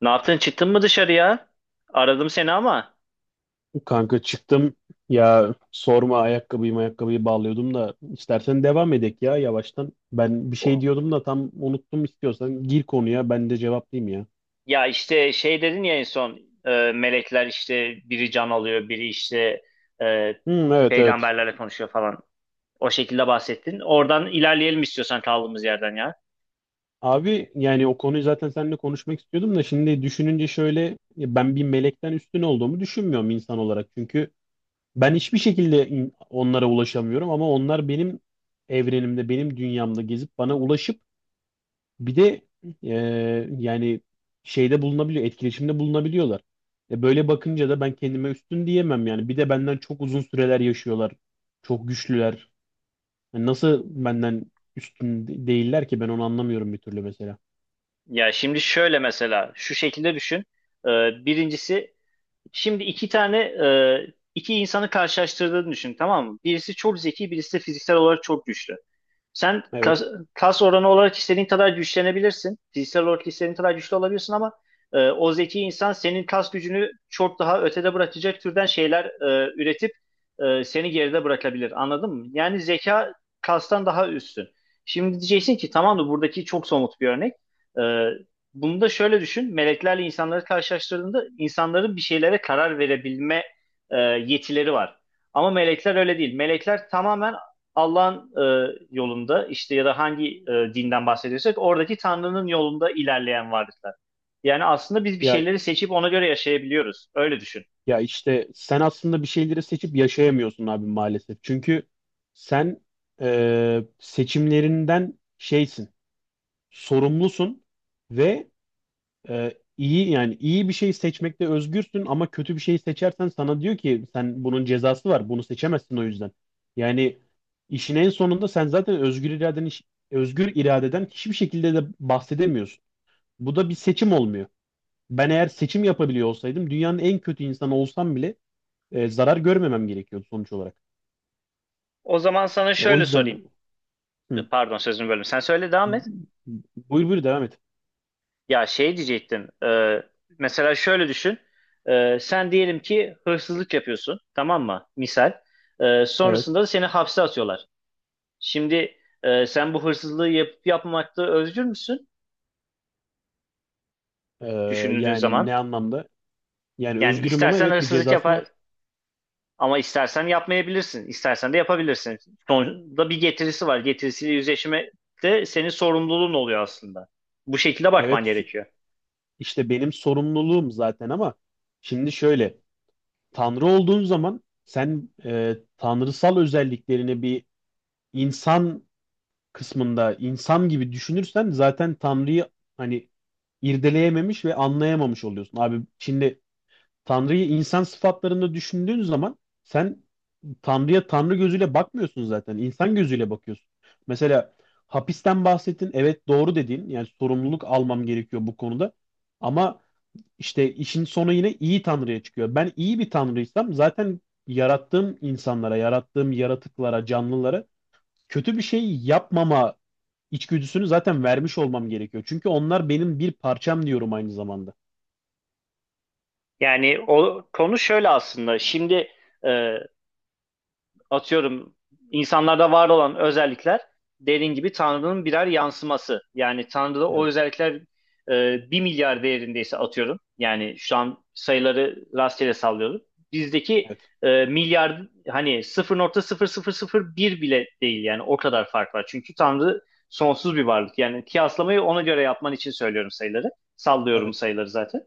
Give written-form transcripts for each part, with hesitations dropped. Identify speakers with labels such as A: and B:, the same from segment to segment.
A: Ne yaptın? Çıktın mı dışarıya? Aradım seni ama.
B: Kanka çıktım ya sorma ayakkabıyı bağlıyordum da istersen devam edek ya yavaştan. Ben bir şey
A: O-
B: diyordum da tam unuttum, istiyorsan gir konuya ben de cevaplayayım ya.
A: Ya işte şey dedin ya en son melekler işte biri can alıyor, biri işte e,
B: Hmm, evet, evet.
A: peygamberlerle konuşuyor falan. O şekilde bahsettin. Oradan ilerleyelim istiyorsan kaldığımız yerden ya.
B: Abi yani o konuyu zaten seninle konuşmak istiyordum da şimdi düşününce şöyle, ya ben bir melekten üstün olduğumu düşünmüyorum insan olarak. Çünkü ben hiçbir şekilde onlara ulaşamıyorum, ama onlar benim evrenimde, benim dünyamda gezip bana ulaşıp bir de e, yani şeyde bulunabiliyor, etkileşimde bulunabiliyorlar. E, böyle bakınca da ben kendime üstün diyemem yani. Bir de benden çok uzun süreler yaşıyorlar. Çok güçlüler. Yani nasıl benden üstün değiller ki, ben onu anlamıyorum bir türlü mesela.
A: Ya şimdi şöyle mesela şu şekilde düşün. E, birincisi şimdi iki tane iki insanı karşılaştırdığını düşün, tamam mı? Birisi çok zeki, birisi de fiziksel olarak çok güçlü. Sen
B: Evet.
A: kas oranı olarak istediğin kadar güçlenebilirsin. Fiziksel olarak istediğin kadar güçlü olabilirsin ama o zeki insan senin kas gücünü çok daha ötede bırakacak türden şeyler üretip seni geride bırakabilir. Anladın mı? Yani zeka kastan daha üstün. Şimdi diyeceksin ki tamam da buradaki çok somut bir örnek. E, bunu da şöyle düşün. Meleklerle insanları karşılaştırdığında insanların bir şeylere karar verebilme yetileri var. Ama melekler öyle değil. Melekler tamamen Allah'ın yolunda işte ya da hangi dinden bahsediyorsak oradaki Tanrı'nın yolunda ilerleyen varlıklar. Yani aslında biz bir
B: Ya
A: şeyleri seçip ona göre yaşayabiliyoruz. Öyle düşün.
B: ya işte sen aslında bir şeyleri seçip yaşayamıyorsun abi maalesef. Çünkü sen, seçimlerinden sorumlusun ve iyi, yani iyi bir şey seçmekte özgürsün ama kötü bir şey seçersen sana diyor ki sen bunun cezası var, bunu seçemezsin o yüzden. Yani işin en sonunda sen zaten özgür iradeden hiçbir şekilde de bahsedemiyorsun. Bu da bir seçim olmuyor. Ben eğer seçim yapabiliyor olsaydım dünyanın en kötü insanı olsam bile e, zarar görmemem gerekiyordu sonuç olarak.
A: O zaman sana
B: O
A: şöyle sorayım.
B: yüzden hı.
A: Pardon sözünü böldüm. Sen söyle, devam et.
B: Buyur, buyur devam et.
A: Ya şey diyecektim. Mesela şöyle düşün. Sen diyelim ki hırsızlık yapıyorsun. Tamam mı? Misal.
B: Evet.
A: Sonrasında da seni hapse atıyorlar. Şimdi sen bu hırsızlığı yapıp yapmamakta özgür müsün?
B: Ee,
A: Düşündüğün
B: yani ne
A: zaman.
B: anlamda? Yani
A: Yani
B: özgürüm ama
A: istersen
B: evet bir
A: hırsızlık
B: cezası var.
A: yapar, ama istersen yapmayabilirsin, istersen de yapabilirsin. Sonuçta bir getirisi var. Getirisiyle yüzleşme de senin sorumluluğun oluyor aslında. Bu şekilde bakman
B: Evet.
A: gerekiyor.
B: İşte benim sorumluluğum zaten ama şimdi şöyle, Tanrı olduğun zaman sen tanrısal özelliklerini bir insan kısmında insan gibi düşünürsen zaten Tanrı'yı hani irdeleyememiş ve anlayamamış oluyorsun. Abi şimdi Tanrı'yı insan sıfatlarında düşündüğün zaman sen Tanrı'ya Tanrı gözüyle bakmıyorsun zaten, İnsan gözüyle bakıyorsun. Mesela hapisten bahsettin. Evet, doğru dediğin, yani sorumluluk almam gerekiyor bu konuda. Ama işte işin sonu yine iyi tanrıya çıkıyor. Ben iyi bir tanrıysam zaten yarattığım insanlara, yarattığım yaratıklara, canlılara kötü bir şey yapmama içgüdüsünü zaten vermiş olmam gerekiyor. Çünkü onlar benim bir parçam diyorum aynı zamanda.
A: Yani o konu şöyle aslında. Şimdi e, atıyorum insanlarda var olan özellikler dediğin gibi Tanrı'nın birer yansıması. Yani Tanrı'da o
B: Evet,
A: özellikler 1 milyar değerindeyse atıyorum. Yani şu an sayıları rastgele sallıyorum. Bizdeki
B: evet,
A: milyar hani sıfır nokta sıfır sıfır sıfır bir bile değil yani o kadar fark var. Çünkü Tanrı sonsuz bir varlık. Yani kıyaslamayı ona göre yapman için söylüyorum sayıları. Sallıyorum
B: evet.
A: sayıları zaten.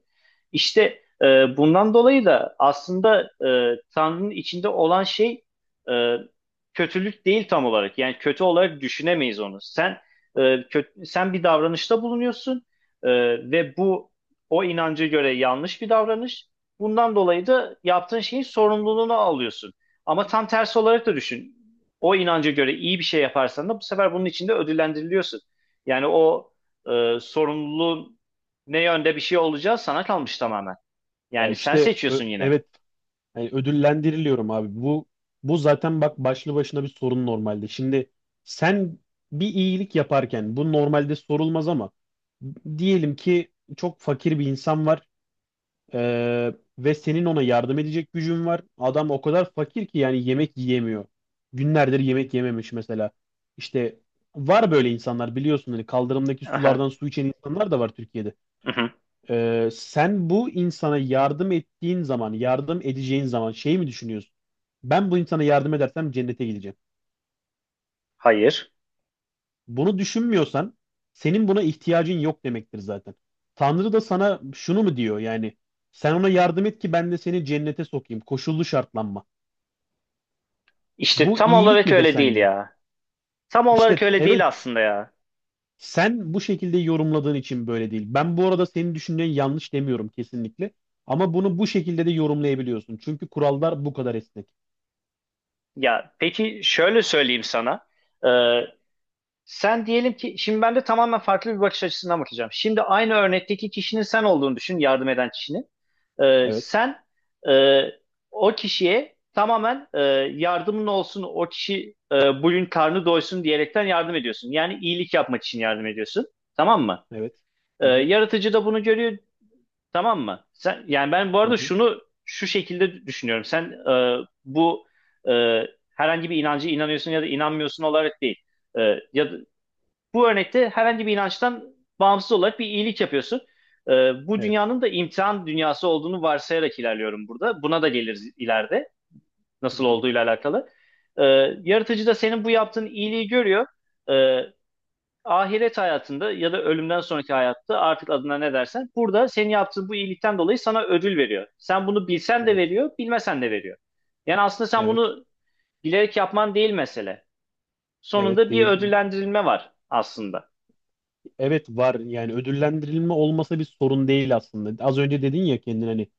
A: İşte bundan dolayı da aslında Tanrı'nın içinde olan şey e, kötülük değil tam olarak. Yani kötü olarak düşünemeyiz onu. Sen sen bir davranışta bulunuyorsun e, ve bu o inanca göre yanlış bir davranış. Bundan dolayı da yaptığın şeyin sorumluluğunu alıyorsun. Ama tam tersi olarak da düşün. O inanca göre iyi bir şey yaparsan da bu sefer bunun için de ödüllendiriliyorsun. Yani o sorumluluğun ne yönde bir şey olacağı sana kalmış tamamen.
B: Ya
A: Yani sen
B: işte
A: seçiyorsun yine.
B: evet, yani ödüllendiriliyorum abi. Bu bu zaten bak başlı başına bir sorun normalde. Şimdi sen bir iyilik yaparken bu normalde sorulmaz ama diyelim ki çok fakir bir insan var. Ee, Ve senin ona yardım edecek gücün var. Adam o kadar fakir ki yani yemek yiyemiyor. Günlerdir yemek yememiş mesela. İşte var böyle insanlar, biliyorsun hani, kaldırımdaki
A: Aha,
B: sulardan su içen insanlar da var Türkiye'de.
A: mhm.
B: Sen bu insana yardım ettiğin zaman, yardım edeceğin zaman şey mi düşünüyorsun? Ben bu insana yardım edersem cennete gidecek.
A: Hayır.
B: Bunu düşünmüyorsan senin buna ihtiyacın yok demektir zaten. Tanrı da sana şunu mu diyor yani, sen ona yardım et ki ben de seni cennete sokayım. Koşullu şartlanma.
A: İşte
B: Bu
A: tam
B: iyilik
A: olarak
B: midir
A: öyle değil
B: sence?
A: ya. Tam olarak
B: İşte
A: öyle değil
B: evet,
A: aslında ya.
B: sen bu şekilde yorumladığın için böyle değil. Ben bu arada senin düşündüğün yanlış demiyorum kesinlikle. Ama bunu bu şekilde de yorumlayabiliyorsun. Çünkü kurallar bu kadar esnek.
A: Ya peki şöyle söyleyeyim sana. Ee, sen diyelim ki şimdi ben de tamamen farklı bir bakış açısından bakacağım. Şimdi aynı örnekteki kişinin sen olduğunu düşün, yardım eden kişinin.
B: Evet,
A: Sen e, o kişiye tamamen yardımın olsun, o kişi bugün karnı doysun diyerekten yardım ediyorsun. Yani iyilik yapmak için yardım ediyorsun. Tamam mı?
B: evet. Hı hı,
A: Yaratıcı da bunu görüyor, tamam mı? Sen, yani ben bu
B: hı
A: arada
B: hı.
A: şunu şu şekilde düşünüyorum. Sen bu e, herhangi bir inancı inanıyorsun ya da inanmıyorsun olarak değil. E, ya da, bu örnekte herhangi bir inançtan bağımsız olarak bir iyilik yapıyorsun. E, bu
B: Evet.
A: dünyanın da imtihan dünyası olduğunu varsayarak ilerliyorum burada. Buna da geliriz ileride
B: Hı
A: nasıl
B: hı.
A: olduğuyla alakalı. E, yaratıcı da senin bu yaptığın iyiliği görüyor. E, ahiret hayatında ya da ölümden sonraki hayatta artık adına ne dersen burada senin yaptığın bu iyilikten dolayı sana ödül veriyor. Sen bunu bilsen de
B: Evet,
A: veriyor, bilmesen de veriyor. Yani aslında sen
B: evet,
A: bunu bilerek yapman değil mesele.
B: evet
A: Sonunda bir
B: değil.
A: ödüllendirilme var aslında.
B: Evet var, yani ödüllendirilme olmasa bir sorun değil aslında. Az önce dedin ya kendin hani,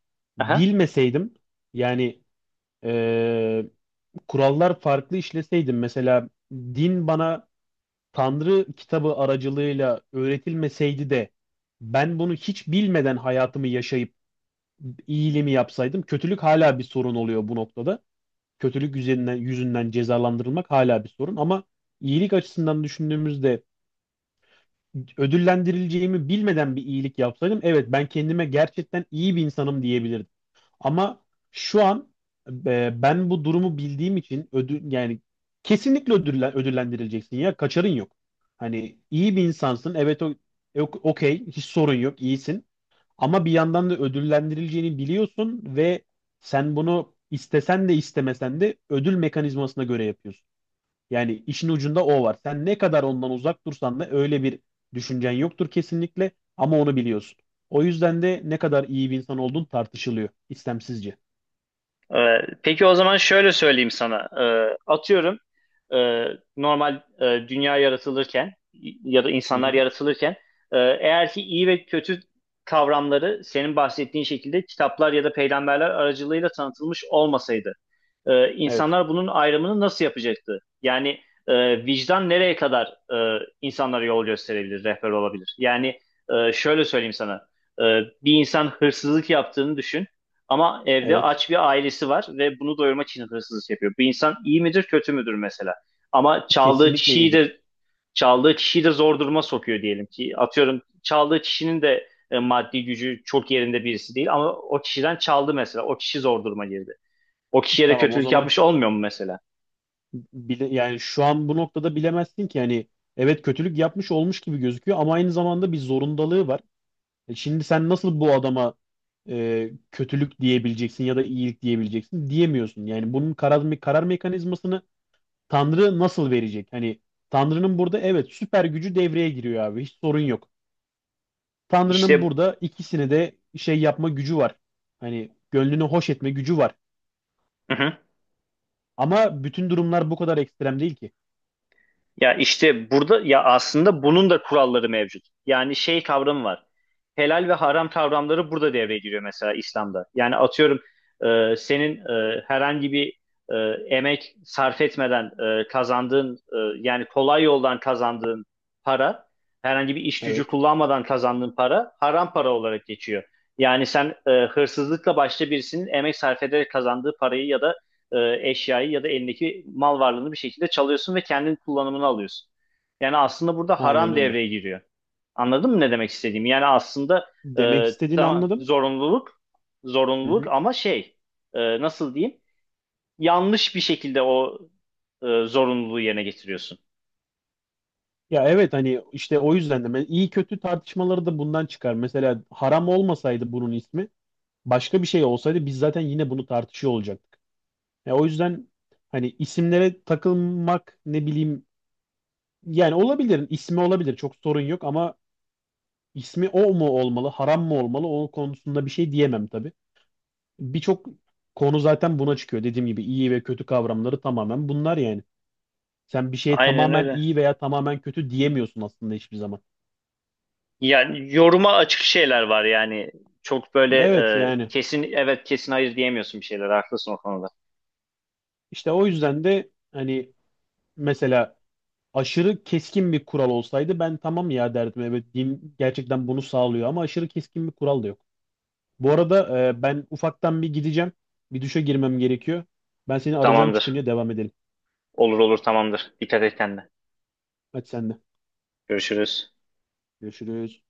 A: Aha.
B: bilmeseydim yani, e, kurallar farklı işleseydim, mesela din bana Tanrı kitabı aracılığıyla öğretilmeseydi de ben bunu hiç bilmeden hayatımı yaşayıp iyiliğimi yapsaydım, kötülük hala bir sorun oluyor bu noktada. Kötülük yüzünden cezalandırılmak hala bir sorun, ama iyilik açısından düşündüğümüzde ödüllendirileceğimi bilmeden bir iyilik yapsaydım evet ben kendime gerçekten iyi bir insanım diyebilirdim. Ama şu an e, ben bu durumu bildiğim için ödül, yani kesinlikle ödüllendirileceksin, ya kaçarın yok. Hani iyi bir insansın, evet, o okey, hiç sorun yok, iyisin, ama bir yandan da ödüllendirileceğini biliyorsun ve sen bunu istesen de istemesen de ödül mekanizmasına göre yapıyorsun. Yani işin ucunda o var. Sen ne kadar ondan uzak dursan da, öyle bir düşüncen yoktur kesinlikle, ama onu biliyorsun. O yüzden de ne kadar iyi bir insan olduğun tartışılıyor istemsizce.
A: Ee, peki o zaman şöyle söyleyeyim sana. Atıyorum e, normal dünya yaratılırken ya da
B: Hı
A: insanlar
B: hı.
A: yaratılırken eğer ki iyi ve kötü kavramları senin bahsettiğin şekilde kitaplar ya da peygamberler aracılığıyla tanıtılmış olmasaydı
B: Evet.
A: insanlar bunun ayrımını nasıl yapacaktı? Yani vicdan nereye kadar insanlara yol gösterebilir, rehber olabilir? Yani şöyle söyleyeyim sana. Bir insan hırsızlık yaptığını düşün ama evde
B: Evet.
A: aç bir ailesi var ve bunu doyurmak için hırsızlık yapıyor. Bu insan iyi midir, kötü müdür mesela? Ama çaldığı
B: Kesinlikle
A: kişiyi
B: iyidir.
A: de çaldığı kişiyi de zor duruma sokuyor diyelim ki. Atıyorum çaldığı kişinin de maddi gücü çok yerinde birisi değil ama o kişiden çaldı mesela. O kişi zor duruma girdi, o kişiye de
B: Tamam o
A: kötülük
B: zaman
A: yapmış olmuyor mu mesela?
B: yani şu an bu noktada bilemezsin ki hani, evet kötülük yapmış olmuş gibi gözüküyor ama aynı zamanda bir zorundalığı var. E şimdi sen nasıl bu adama kötülük diyebileceksin ya da iyilik diyebileceksin, diyemiyorsun. Yani bunun karar mekanizmasını Tanrı nasıl verecek? Hani Tanrı'nın burada evet süper gücü devreye giriyor abi. Hiç sorun yok. Tanrı'nın
A: İşte,
B: burada ikisini de şey yapma gücü var. Hani gönlünü hoş etme gücü var.
A: hı hı.
B: Ama bütün durumlar bu kadar ekstrem değil ki.
A: Ya işte burada ya aslında bunun da kuralları mevcut. Yani şey kavramı var. Helal ve haram kavramları burada devreye giriyor mesela İslam'da. Yani atıyorum senin herhangi bir e, emek sarf etmeden kazandığın yani kolay yoldan kazandığın para, herhangi bir iş gücü
B: Evet,
A: kullanmadan kazandığın para haram para olarak geçiyor. Yani sen hırsızlıkla başta birisinin emek sarf ederek kazandığı parayı ya da eşyayı ya da elindeki mal varlığını bir şekilde çalıyorsun ve kendin kullanımını alıyorsun. Yani aslında burada
B: aynen
A: haram
B: öyle.
A: devreye giriyor. Anladın mı ne demek istediğimi? Yani aslında
B: Demek istediğini
A: tamam
B: anladım.
A: zorunluluk
B: Hı
A: zorunluluk
B: hı.
A: ama şey e, nasıl diyeyim? Yanlış bir şekilde o zorunluluğu yerine getiriyorsun.
B: Ya evet, hani işte o yüzden de ben iyi kötü tartışmaları da bundan çıkar. Mesela haram olmasaydı bunun ismi, başka bir şey olsaydı biz zaten yine bunu tartışıyor olacaktık. Ya o yüzden hani isimlere takılmak, ne bileyim, yani olabilir. İsmi olabilir. Çok sorun yok ama ismi o mu olmalı, haram mı olmalı o konusunda bir şey diyemem tabii. Birçok konu zaten buna çıkıyor. Dediğim gibi iyi ve kötü kavramları tamamen bunlar yani. Sen bir şeye
A: Aynen
B: tamamen
A: öyle.
B: iyi veya tamamen kötü diyemiyorsun aslında hiçbir zaman.
A: Yani yoruma açık şeyler var yani. Çok böyle
B: Evet yani
A: kesin evet, kesin hayır diyemiyorsun bir şeyler. Haklısın o konuda.
B: işte o yüzden de hani mesela aşırı keskin bir kural olsaydı ben tamam ya derdim. Evet din gerçekten bunu sağlıyor ama aşırı keskin bir kural da yok. Bu arada ben ufaktan bir gideceğim. Bir duşa girmem gerekiyor. Ben seni arayacağım,
A: Tamamdır.
B: çıkınca devam edelim.
A: Olur olur, tamamdır. Dikkat et kendine.
B: Hadi sen de.
A: Görüşürüz.
B: Görüşürüz.